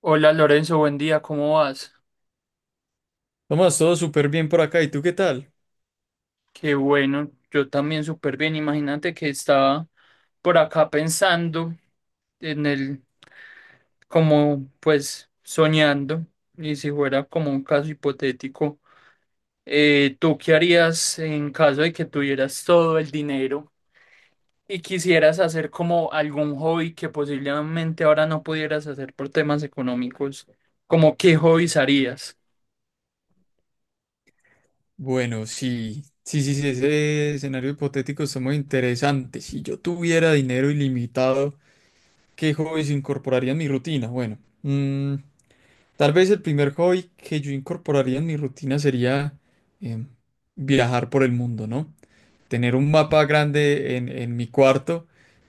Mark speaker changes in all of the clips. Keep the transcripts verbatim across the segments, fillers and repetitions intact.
Speaker 1: Hola Lorenzo, buen día, ¿cómo vas?
Speaker 2: Tomás, todo súper bien por acá. ¿Y tú qué tal?
Speaker 1: Qué bueno, yo también súper bien. Imagínate que estaba por acá pensando en el, como pues soñando, y si fuera como un caso hipotético, eh, ¿tú qué harías en caso de que tuvieras todo el dinero y quisieras hacer como algún hobby que posiblemente ahora no pudieras hacer por temas económicos? ¿Como qué hobbies harías?
Speaker 2: Bueno, sí, sí, sí, sí, ese escenario hipotético está muy interesante. Si yo tuviera dinero ilimitado, ¿qué hobbies incorporaría en mi rutina? Bueno, mm, tal vez el primer hobby que yo incorporaría en mi rutina sería em, viajar por el mundo, ¿no? Tener un mapa grande en, en mi cuarto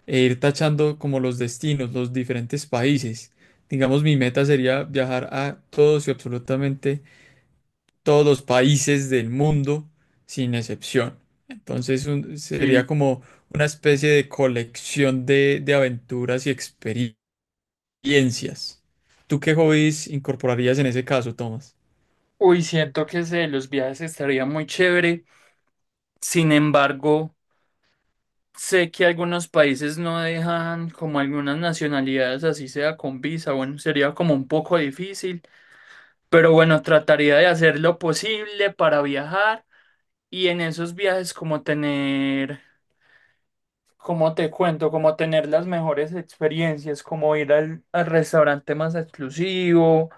Speaker 2: e ir tachando como los destinos, los diferentes países. Digamos, mi meta sería viajar a todos y absolutamente todos los países del mundo sin excepción. Entonces un- sería
Speaker 1: Sí.
Speaker 2: como una especie de colección de, de aventuras y experiencias. ¿Tú qué hobbies incorporarías en ese caso, Tomás?
Speaker 1: Uy, siento que ese los viajes estaría muy chévere. Sin embargo, sé que algunos países no dejan como algunas nacionalidades, así sea con visa. Bueno, sería como un poco difícil. Pero bueno, trataría de hacer lo posible para viajar y en esos viajes como tener, como te cuento, como tener las mejores experiencias, como ir al, al restaurante más exclusivo,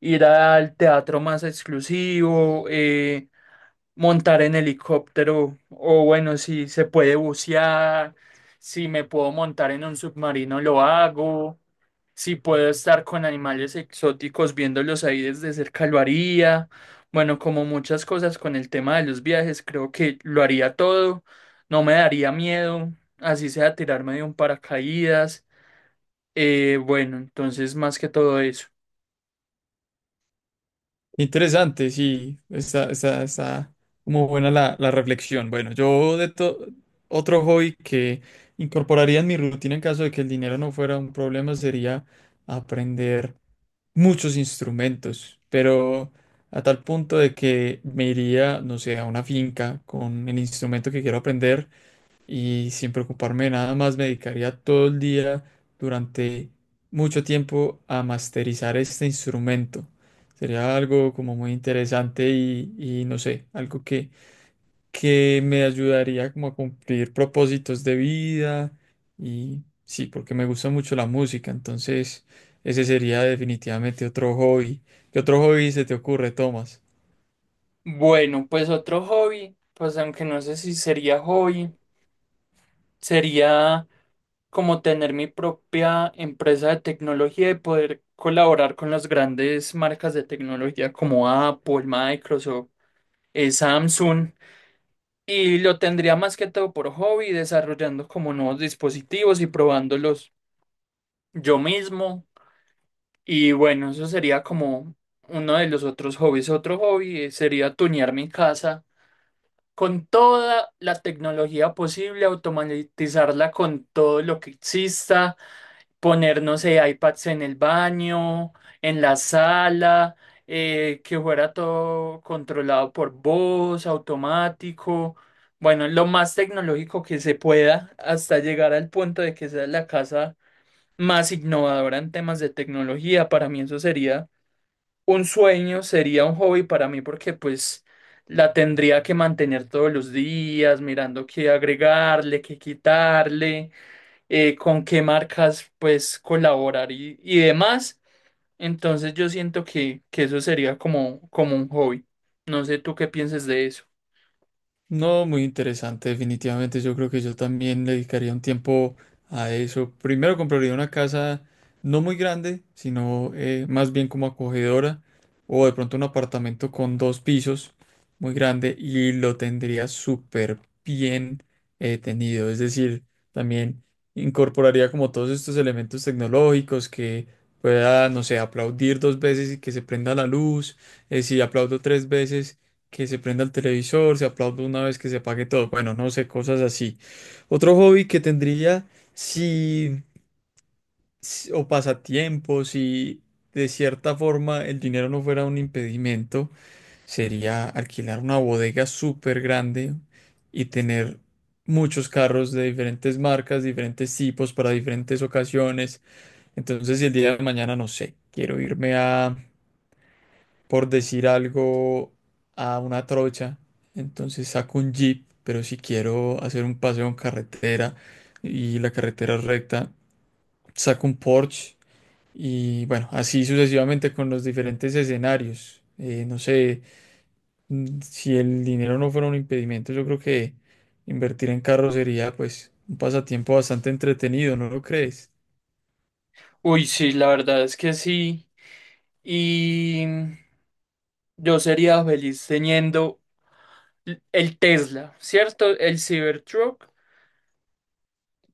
Speaker 1: ir al teatro más exclusivo, eh, montar en helicóptero o bueno, si se puede bucear, si me puedo montar en un submarino, lo hago, si puedo estar con animales exóticos viéndolos ahí desde cerca, lo haría. Bueno, como muchas cosas con el tema de los viajes, creo que lo haría todo, no me daría miedo, así sea tirarme de un paracaídas. Eh, bueno, entonces más que todo eso.
Speaker 2: Interesante, sí, está, está, está como buena la, la reflexión. Bueno, yo de to- otro hobby que incorporaría en mi rutina en caso de que el dinero no fuera un problema sería aprender muchos instrumentos, pero a tal punto de que me iría, no sé, a una finca con el instrumento que quiero aprender y sin preocuparme de nada más me dedicaría todo el día durante mucho tiempo a masterizar este instrumento. Sería algo como muy interesante y, y no sé, algo que, que me ayudaría como a cumplir propósitos de vida y sí, porque me gusta mucho la música, entonces ese sería definitivamente otro hobby. ¿Qué otro hobby se te ocurre, Tomás?
Speaker 1: Bueno, pues otro hobby, pues aunque no sé si sería hobby, sería como tener mi propia empresa de tecnología y poder colaborar con las grandes marcas de tecnología como Apple, Microsoft, eh, Samsung. Y lo tendría más que todo por hobby, desarrollando como nuevos dispositivos y probándolos yo mismo. Y bueno, eso sería como uno de los otros hobbies. Otro hobby eh, sería tunear mi casa con toda la tecnología posible, automatizarla con todo lo que exista poner, no sé, iPads en el baño, en la sala, eh, que fuera todo controlado por voz, automático, bueno, lo más tecnológico que se pueda hasta llegar al punto de que sea la casa más innovadora en temas de tecnología. Para mí eso sería un sueño, sería un hobby para mí porque pues la tendría que mantener todos los días, mirando qué agregarle, qué quitarle eh, con qué marcas pues colaborar y, y demás. Entonces yo siento que, que eso sería como, como un hobby. No sé tú qué pienses de eso.
Speaker 2: No, muy interesante, definitivamente. Yo creo que yo también le dedicaría un tiempo a eso. Primero compraría una casa no muy grande, sino eh, más bien como acogedora, o de pronto un apartamento con dos pisos muy grande y lo tendría súper bien eh, tenido. Es decir, también incorporaría como todos estos elementos tecnológicos que pueda, no sé, aplaudir dos veces y que se prenda la luz. Eh, si aplaudo tres veces que se prenda el televisor, se aplaude una vez que se apague todo. Bueno, no sé, cosas así. Otro hobby que tendría si, si- o pasatiempo, si de cierta forma el dinero no fuera un impedimento, sería alquilar una bodega súper grande y tener muchos carros de diferentes marcas, diferentes tipos, para diferentes ocasiones. Entonces, si el día de mañana, no sé, quiero irme a, por decir algo, a una trocha. Entonces saco un jeep, pero si quiero hacer un paseo en carretera y la carretera es recta, saco un Porsche y bueno, así sucesivamente con los diferentes escenarios. Eh, no sé, mm, si el dinero no fuera un impedimento, yo creo que invertir en carro sería pues un pasatiempo bastante entretenido, ¿no lo crees?
Speaker 1: Uy, sí, la verdad es que sí. Y yo sería feliz teniendo l- el Tesla, ¿cierto? El Cybertruck,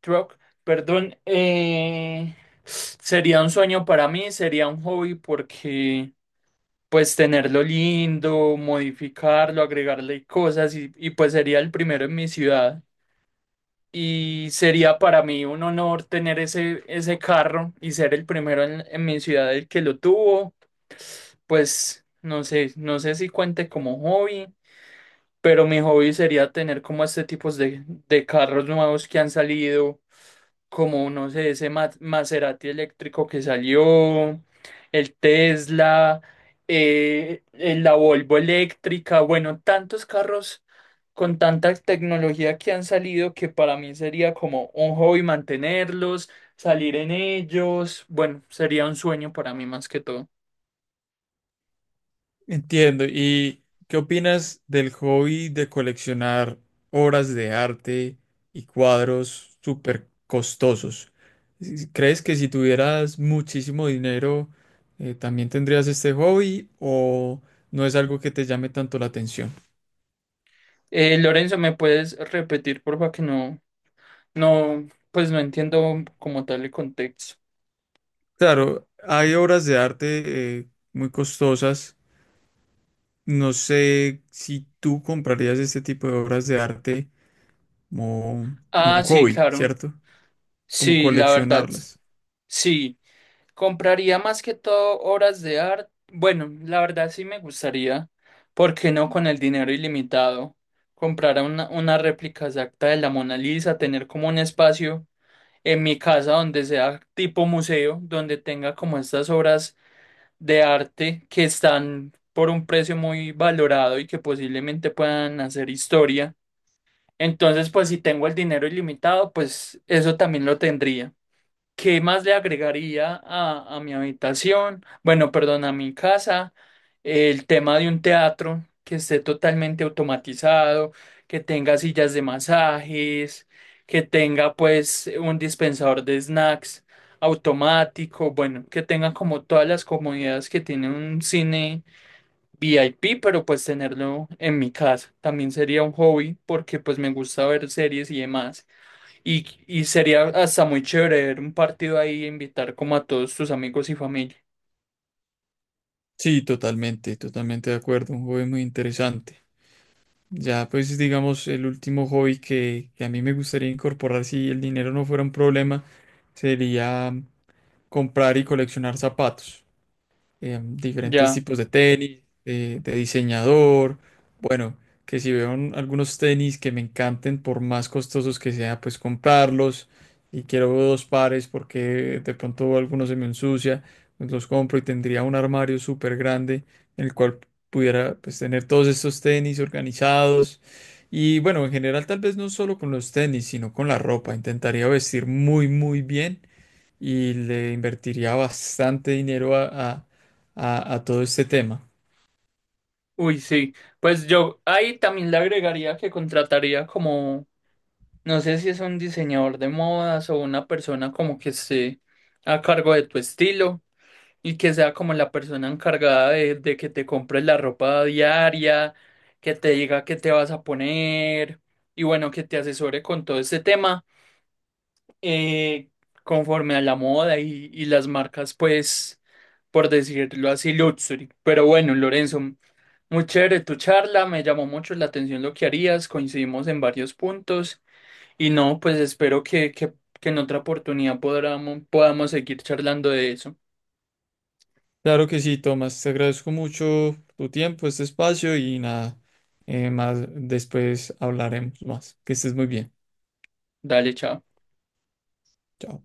Speaker 1: truck, perdón. Eh, sería un sueño para mí, sería un hobby porque pues tenerlo lindo, modificarlo, agregarle cosas y, y pues sería el primero en mi ciudad. Y sería para mí un honor tener ese, ese carro y ser el primero en, en mi ciudad el que lo tuvo. Pues no sé, no sé si cuente como hobby, pero mi hobby sería tener como este tipo de, de carros nuevos que han salido como, no sé, ese Ma- Maserati eléctrico que salió, el Tesla, eh, eh, la Volvo eléctrica, bueno, tantos carros con tanta tecnología que han salido que para mí sería como un hobby mantenerlos, salir en ellos, bueno, sería un sueño para mí más que todo.
Speaker 2: Entiendo. ¿Y qué opinas del hobby de coleccionar obras de arte y cuadros súper costosos? ¿Crees que si tuvieras muchísimo dinero, eh, también tendrías este hobby o no es algo que te llame tanto la atención?
Speaker 1: Eh, Lorenzo, ¿me puedes repetir, porfa, que no, no, pues no entiendo como tal el contexto?
Speaker 2: Claro, hay obras de arte, eh, muy costosas. No sé si tú comprarías este tipo de obras de arte como un
Speaker 1: Ah, sí,
Speaker 2: hobby,
Speaker 1: claro.
Speaker 2: ¿cierto? Como
Speaker 1: Sí, la verdad,
Speaker 2: coleccionarlas.
Speaker 1: sí. Compraría más que todo obras de arte. Bueno, la verdad sí me gustaría, ¿por qué no con el dinero ilimitado? Comprar una, una réplica exacta de la Mona Lisa, tener como un espacio en mi casa donde sea tipo museo, donde tenga como estas obras de arte que están por un precio muy valorado y que posiblemente puedan hacer historia. Entonces, pues si tengo el dinero ilimitado, pues eso también lo tendría. ¿Qué más le agregaría a, a mi habitación? Bueno, perdón, a mi casa. El tema de un teatro que esté totalmente automatizado, que tenga sillas de masajes, que tenga pues un dispensador de snacks automático, bueno, que tenga como todas las comodidades que tiene un cine V I P, pero pues tenerlo en mi casa. También sería un hobby porque pues me gusta ver series y demás. Y, y sería hasta muy chévere ver un partido ahí e invitar como a todos tus amigos y familia.
Speaker 2: Sí, totalmente, totalmente de acuerdo, un hobby muy interesante. Ya, pues digamos, el último hobby que, que a mí me gustaría incorporar si el dinero no fuera un problema sería mm, comprar y coleccionar zapatos, eh, diferentes
Speaker 1: Ya,
Speaker 2: tipos de tenis, eh, de diseñador. Bueno, que si veo un- algunos tenis que me encanten, por más costosos que sea, pues comprarlos. Y quiero dos pares porque de pronto alguno se me ensucia, pues los compro y tendría un armario súper grande en el cual pudiera pues tener todos estos tenis organizados. Y bueno, en general tal vez no solo con los tenis, sino con la ropa. Intentaría vestir muy, muy bien y le invertiría bastante dinero a, a- a- a todo este tema.
Speaker 1: uy, sí. Pues yo ahí también le agregaría que contrataría como, no sé si es un diseñador de modas o una persona como que esté a cargo de tu estilo y que sea como la persona encargada de, de que te compres la ropa diaria, que te diga qué te vas a poner y bueno, que te asesore con todo este tema. eh, Conforme a la moda y, y las marcas, pues, por decirlo así, luxury. Pero bueno, Lorenzo, muy chévere tu charla, me llamó mucho la atención lo que harías, coincidimos en varios puntos y no, pues espero que, que, que en otra oportunidad podamos, podamos seguir charlando de eso.
Speaker 2: Claro que sí, Tomás, te agradezco mucho tu tiempo, este espacio y nada, eh, más después hablaremos más. Que estés muy bien.
Speaker 1: Dale, chao.
Speaker 2: Chao.